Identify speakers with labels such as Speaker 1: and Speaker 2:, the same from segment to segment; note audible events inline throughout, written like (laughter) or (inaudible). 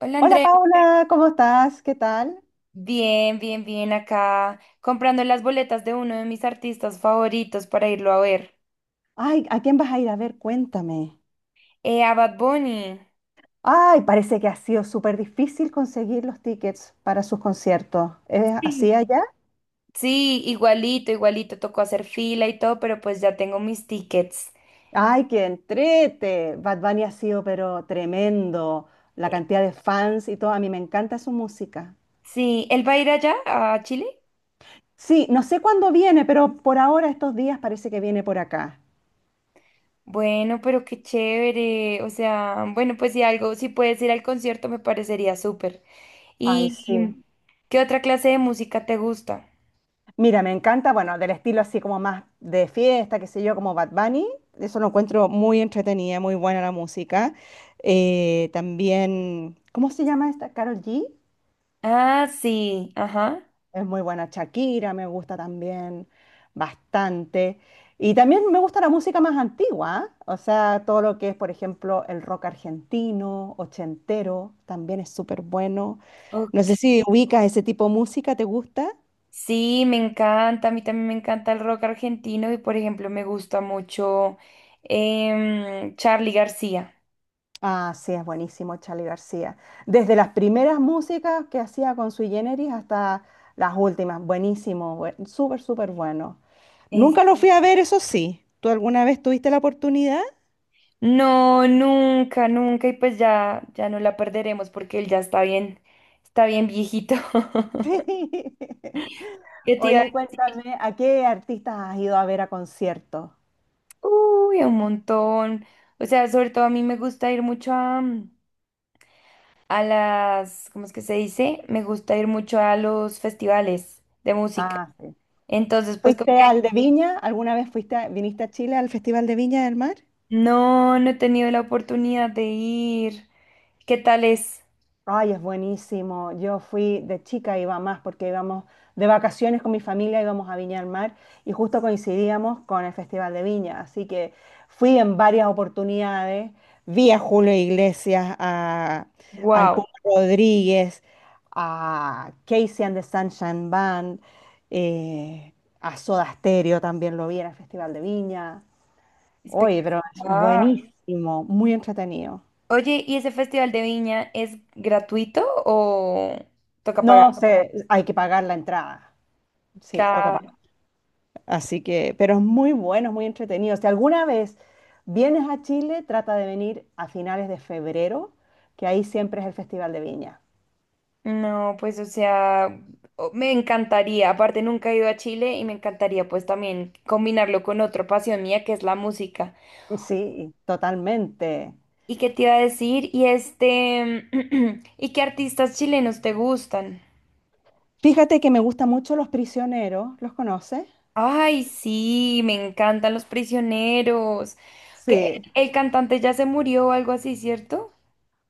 Speaker 1: Hola
Speaker 2: Hola
Speaker 1: Andrea,
Speaker 2: Paula, ¿cómo estás? ¿Qué tal?
Speaker 1: bien, bien, bien acá, comprando las boletas de uno de mis artistas favoritos para irlo a ver.
Speaker 2: Ay, ¿a quién vas a ir a ver? Cuéntame.
Speaker 1: A Bad Bunny.
Speaker 2: Ay, parece que ha sido súper difícil conseguir los tickets para sus conciertos. ¿Es así
Speaker 1: Sí,
Speaker 2: allá?
Speaker 1: sí, igualito, igualito, tocó hacer fila y todo, pero pues ya tengo mis tickets.
Speaker 2: Ay, qué entrete. Bad Bunny ha sido pero tremendo. La
Speaker 1: Eh,
Speaker 2: cantidad de fans y todo. A mí me encanta su música.
Speaker 1: Sí, ¿él va a ir allá, a Chile?
Speaker 2: Sí, no sé cuándo viene, pero por ahora estos días parece que viene por acá.
Speaker 1: Bueno, pero qué chévere, o sea, bueno, pues si algo, si puedes ir al concierto me parecería súper.
Speaker 2: Ay, sí.
Speaker 1: ¿Y qué otra clase de música te gusta?
Speaker 2: Mira, me encanta, bueno, del estilo así como más de fiesta, qué sé yo, como Bad Bunny. Eso lo encuentro muy entretenida, muy buena la música. También, ¿cómo se llama esta? Carol G.
Speaker 1: Ah, sí, ajá.
Speaker 2: Es muy buena. Shakira me gusta también bastante. Y también me gusta la música más antigua, ¿ah? O sea, todo lo que es, por ejemplo, el rock argentino, ochentero, también es súper bueno. No sé
Speaker 1: Ok.
Speaker 2: si ubicas ese tipo de música, ¿te gusta?
Speaker 1: Sí, me encanta, a mí también me encanta el rock argentino y por ejemplo me gusta mucho Charly García.
Speaker 2: Ah, sí, es buenísimo Charly García. Desde las primeras músicas que hacía con Sui Generis hasta las últimas. Buenísimo, súper, súper bueno.
Speaker 1: Es-
Speaker 2: Nunca lo fui a ver, eso sí. ¿Tú alguna vez tuviste la oportunidad? (laughs)
Speaker 1: No, nunca, nunca y pues ya, ya no la perderemos porque él ya está bien viejito. (laughs)
Speaker 2: Sí.
Speaker 1: Yo te iba a
Speaker 2: Oye,
Speaker 1: decir,
Speaker 2: cuéntame, ¿a qué artistas has ido a ver a conciertos?
Speaker 1: uy, un montón. O sea, sobre todo a mí me gusta ir mucho a, a las, ¿cómo es que se dice? Me gusta ir mucho a los festivales de música.
Speaker 2: Ah, sí.
Speaker 1: Entonces, pues como
Speaker 2: ¿Fuiste al de Viña? ¿Alguna vez viniste a Chile al Festival de Viña del Mar?
Speaker 1: no, no he tenido la oportunidad de ir. ¿Qué tal es?
Speaker 2: Ay, es buenísimo. Yo fui de chica, iba más porque íbamos de vacaciones con mi familia, íbamos a Viña del Mar y justo coincidíamos con el Festival de Viña. Así que fui en varias oportunidades. Vi a Julio Iglesias, a, al
Speaker 1: Wow,
Speaker 2: Puma Rodríguez, a Casey and the Sunshine Band, eh, a Soda Stereo también lo vi en el Festival de Viña. Oye, pero es
Speaker 1: espectacular.
Speaker 2: buenísimo, muy entretenido.
Speaker 1: Oye, ¿y ese festival de Viña es gratuito o toca pagar?
Speaker 2: No sé, hay que pagar la entrada. Sí, toca pagar.
Speaker 1: Claro.
Speaker 2: Así que, pero es muy bueno, es muy entretenido. Si alguna vez vienes a Chile, trata de venir a finales de febrero, que ahí siempre es el Festival de Viña.
Speaker 1: No, pues o sea, o- me encantaría. Aparte, nunca he ido a Chile y me encantaría pues también combinarlo con otra pasión mía que es la música.
Speaker 2: Sí, totalmente.
Speaker 1: ¿Y qué te iba a decir? Y este, (clears throat) ¿y qué artistas chilenos te gustan?
Speaker 2: Fíjate que me gustan mucho Los Prisioneros, ¿los conoces?
Speaker 1: Ay, sí, me encantan los prisioneros. Que
Speaker 2: Sí.
Speaker 1: el cantante ya se murió o algo así, ¿cierto?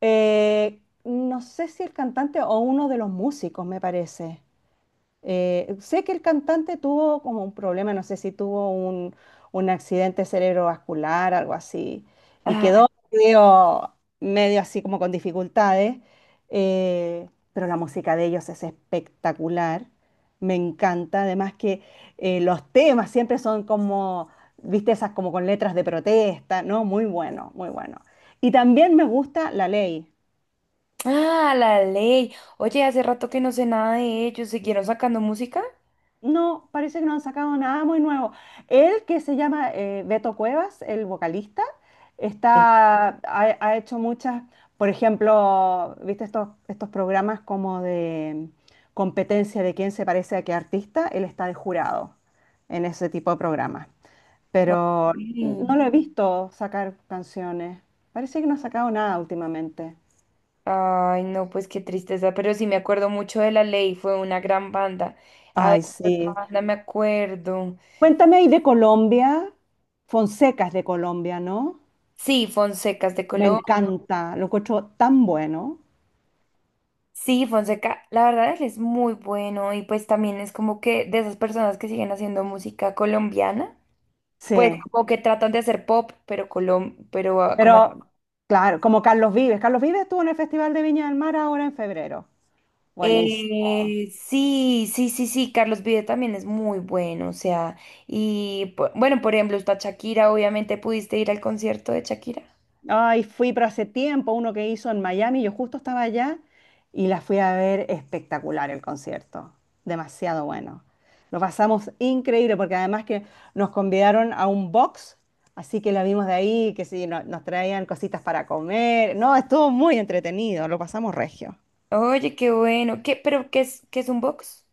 Speaker 2: No sé si el cantante o uno de los músicos, me parece. Sé que el cantante tuvo como un problema, no sé si tuvo un accidente cerebrovascular, algo así, y
Speaker 1: Ah,
Speaker 2: quedó medio, medio así como con dificultades, pero la música de ellos es espectacular, me encanta, además que los temas siempre son como, viste, esas como con letras de protesta, ¿no? Muy bueno, muy bueno. Y también me gusta La Ley.
Speaker 1: ah, la ley. Oye, hace rato que no sé nada de ellos. ¿Siguieron sacando música?
Speaker 2: No, parece que no han sacado nada muy nuevo. Él, que se llama Beto Cuevas, el vocalista,
Speaker 1: Sí.
Speaker 2: está, ha, ha hecho muchas, por ejemplo, ¿viste estos programas como de competencia de quién se parece a qué artista? Él está de jurado en ese tipo de programas.
Speaker 1: Ok.
Speaker 2: Pero no lo he visto sacar canciones. Parece que no ha sacado nada últimamente.
Speaker 1: Ay, no, pues qué tristeza, pero sí me acuerdo mucho de La Ley, fue una gran banda. A ver,
Speaker 2: Ay,
Speaker 1: ¿qué otra
Speaker 2: sí.
Speaker 1: banda me acuerdo.
Speaker 2: Cuéntame ahí de Colombia. Fonseca es de Colombia, ¿no?
Speaker 1: Sí, Fonsecas de
Speaker 2: Me. Así que
Speaker 1: Colombia.
Speaker 2: no encanta, lo encuentro tan bueno.
Speaker 1: Sí, Fonseca, la verdad él es muy bueno y pues también es como que de esas personas que siguen haciendo música colombiana,
Speaker 2: Sí,
Speaker 1: pues
Speaker 2: bueno,
Speaker 1: como que tratan de hacer pop, pero colom, pero ah, como
Speaker 2: pero claro, como Carlos Vives. Carlos Vives estuvo en el Festival de Viña del Mar ahora en febrero. Buenísimo.
Speaker 1: sí, sí, sí, sí, Carlos Vive también es muy bueno, o sea, y po- bueno, por ejemplo, está Shakira, obviamente pudiste ir al concierto de Shakira.
Speaker 2: Ay, fui, pero hace tiempo uno que hizo en Miami, yo justo estaba allá y la fui a ver espectacular el concierto. Demasiado bueno. Lo pasamos increíble porque además que nos convidaron a un box, así que la vimos de ahí, que sí, nos traían cositas para comer. No, estuvo muy entretenido, lo pasamos regio.
Speaker 1: Oye, qué bueno, ¿qué, pero qué es un box?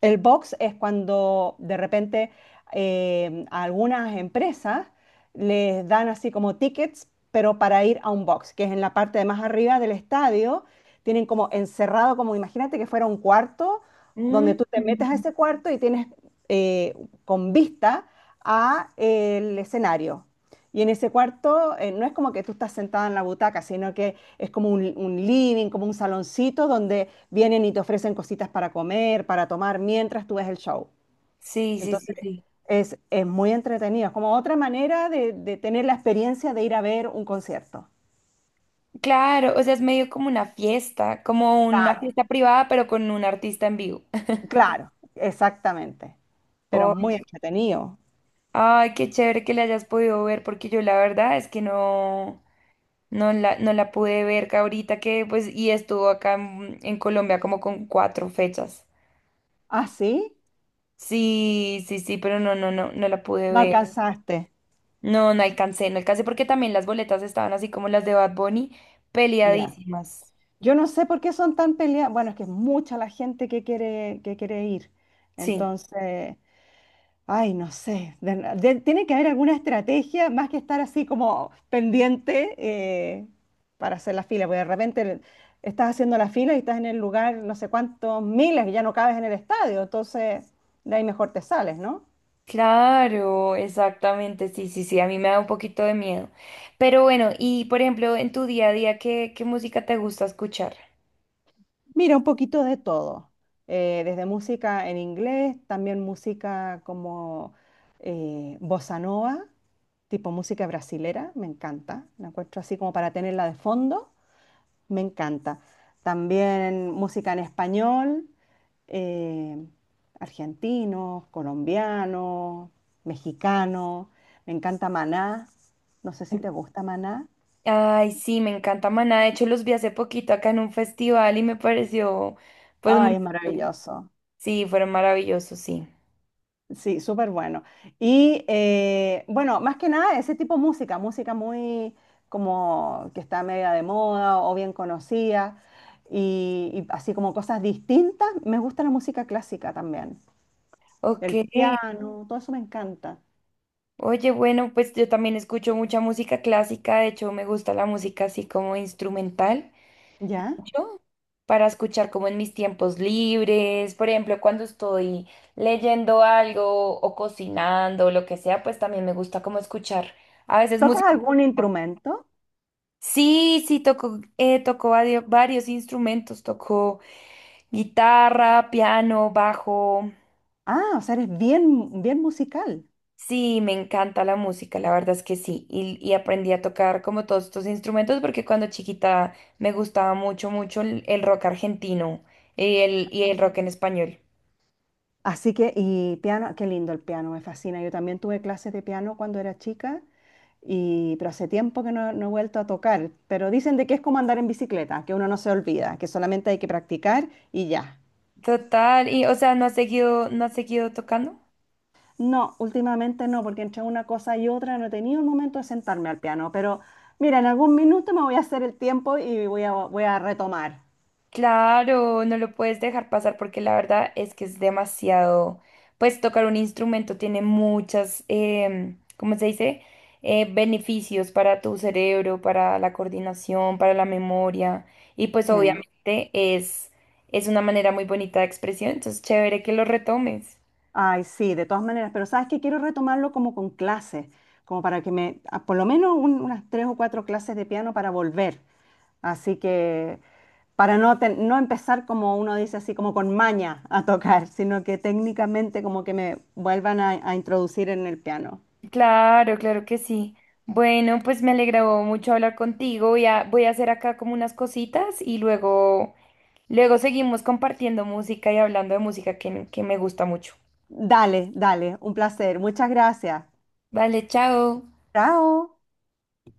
Speaker 2: El box es cuando de repente a algunas empresas les dan así como tickets, pero para ir a un box, que es en la parte de más arriba del estadio, tienen como encerrado, como imagínate que fuera un cuarto,
Speaker 1: Mm.
Speaker 2: donde tú te metes a ese cuarto y tienes, eh, con vista a el escenario. Y en ese cuarto, no es como que tú estás sentada en la butaca, sino que es como un living, como un saloncito donde vienen y te ofrecen cositas para comer, para tomar mientras tú ves el show.
Speaker 1: Sí, sí, sí,
Speaker 2: Entonces
Speaker 1: sí.
Speaker 2: es muy entretenido, es como otra manera de tener la experiencia de ir a ver un concierto.
Speaker 1: Claro, o sea, es medio como una
Speaker 2: Claro,
Speaker 1: fiesta privada, pero con un artista en vivo. (laughs)
Speaker 2: claro, exactamente. Pero
Speaker 1: Oh,
Speaker 2: es muy entretenido.
Speaker 1: ay, qué chévere que la hayas podido ver, porque yo la verdad es que no, no la, no la pude ver que ahorita que, pues, y estuvo acá en Colombia como con cuatro fechas.
Speaker 2: ¿Ah, sí?
Speaker 1: Sí, sí, sí, pero no, no, no, no la pude
Speaker 2: No
Speaker 1: ver.
Speaker 2: alcanzaste.
Speaker 1: No, no alcancé, no alcancé porque también las boletas estaban así como las de Bad Bunny,
Speaker 2: Ya.
Speaker 1: peleadísimas.
Speaker 2: Yo no sé por qué son tan peleadas. Bueno, es que es mucha la gente que quiere ir.
Speaker 1: Sí.
Speaker 2: Entonces, ay, no sé. Tiene que haber alguna estrategia más que estar así como pendiente, para hacer la fila, porque de repente estás haciendo la fila y estás en el lugar no sé cuántos miles y ya no cabes en el estadio, entonces de ahí mejor te sales, ¿no?
Speaker 1: Claro, exactamente, sí, sí, sí, a mí me da un poquito de miedo. Pero bueno, y por ejemplo, en tu día a día, ¿qué, qué música te gusta escuchar?
Speaker 2: Mira, un poquito de todo, desde música en inglés, también música como, bossa nova, tipo música brasilera, me encanta, la encuentro así como para tenerla de fondo. Me encanta. También música en español, eh, argentinos, colombianos, mexicanos. Me encanta Maná. No sé si te gusta Maná.
Speaker 1: Ay, sí, me encanta Maná. De hecho, los vi hace poquito acá en un festival y me pareció, pues,
Speaker 2: Ay,
Speaker 1: muy...
Speaker 2: es maravilloso.
Speaker 1: Sí, fueron maravillosos, sí.
Speaker 2: Sí, súper bueno. Y bueno, más que nada ese tipo de música, música muy como que está media de moda o bien conocida y así como cosas distintas. Me gusta la música clásica también.
Speaker 1: Ok.
Speaker 2: El piano, todo eso me encanta.
Speaker 1: Oye, bueno, pues yo también escucho mucha música clásica. De hecho, me gusta la música así como instrumental,
Speaker 2: ¿Ya?
Speaker 1: mucho para escuchar como en mis tiempos libres, por ejemplo, cuando estoy leyendo algo o cocinando o lo que sea, pues también me gusta como escuchar a veces
Speaker 2: ¿Tocas
Speaker 1: música.
Speaker 2: algún instrumento?
Speaker 1: Sí, sí, toco, toco vario- varios instrumentos, toco guitarra, piano, bajo.
Speaker 2: Ah, o sea, eres bien, bien musical.
Speaker 1: Sí, me encanta la música, la verdad es que sí. Y aprendí a tocar como todos estos instrumentos porque cuando chiquita me gustaba mucho, mucho el rock argentino y el rock en español.
Speaker 2: Así que, y piano, qué lindo el piano, me fascina. Yo también tuve clases de piano cuando era chica, y, pero hace tiempo que no he vuelto a tocar. Pero dicen de que es como andar en bicicleta, que uno no se olvida, que solamente hay que practicar y ya.
Speaker 1: Total, y o sea, no has seguido, no has seguido tocando.
Speaker 2: No, últimamente no, porque entre una cosa y otra no he tenido un momento de sentarme al piano. Pero mira, en algún minuto me voy a hacer el tiempo y voy a retomar.
Speaker 1: Claro, no lo puedes dejar pasar porque la verdad es que es demasiado, pues tocar un instrumento tiene muchas, ¿cómo se dice? Beneficios para tu cerebro, para la coordinación, para la memoria y pues
Speaker 2: Sí.
Speaker 1: obviamente es una manera muy bonita de expresión, entonces chévere que lo retomes.
Speaker 2: Ay, sí, de todas maneras, pero sabes que quiero retomarlo como con clases, como para que me, por lo menos unas tres o cuatro clases de piano para volver. Así que, para no, no empezar como uno dice así, como con maña a tocar, sino que técnicamente como que me vuelvan a introducir en el piano.
Speaker 1: Claro, claro que sí. Bueno, pues me alegró mucho hablar contigo. Voy a, voy a hacer acá como unas cositas y luego, luego seguimos compartiendo música y hablando de música que me gusta mucho.
Speaker 2: Dale, dale, un placer. Muchas gracias.
Speaker 1: Vale, chao.
Speaker 2: Chao.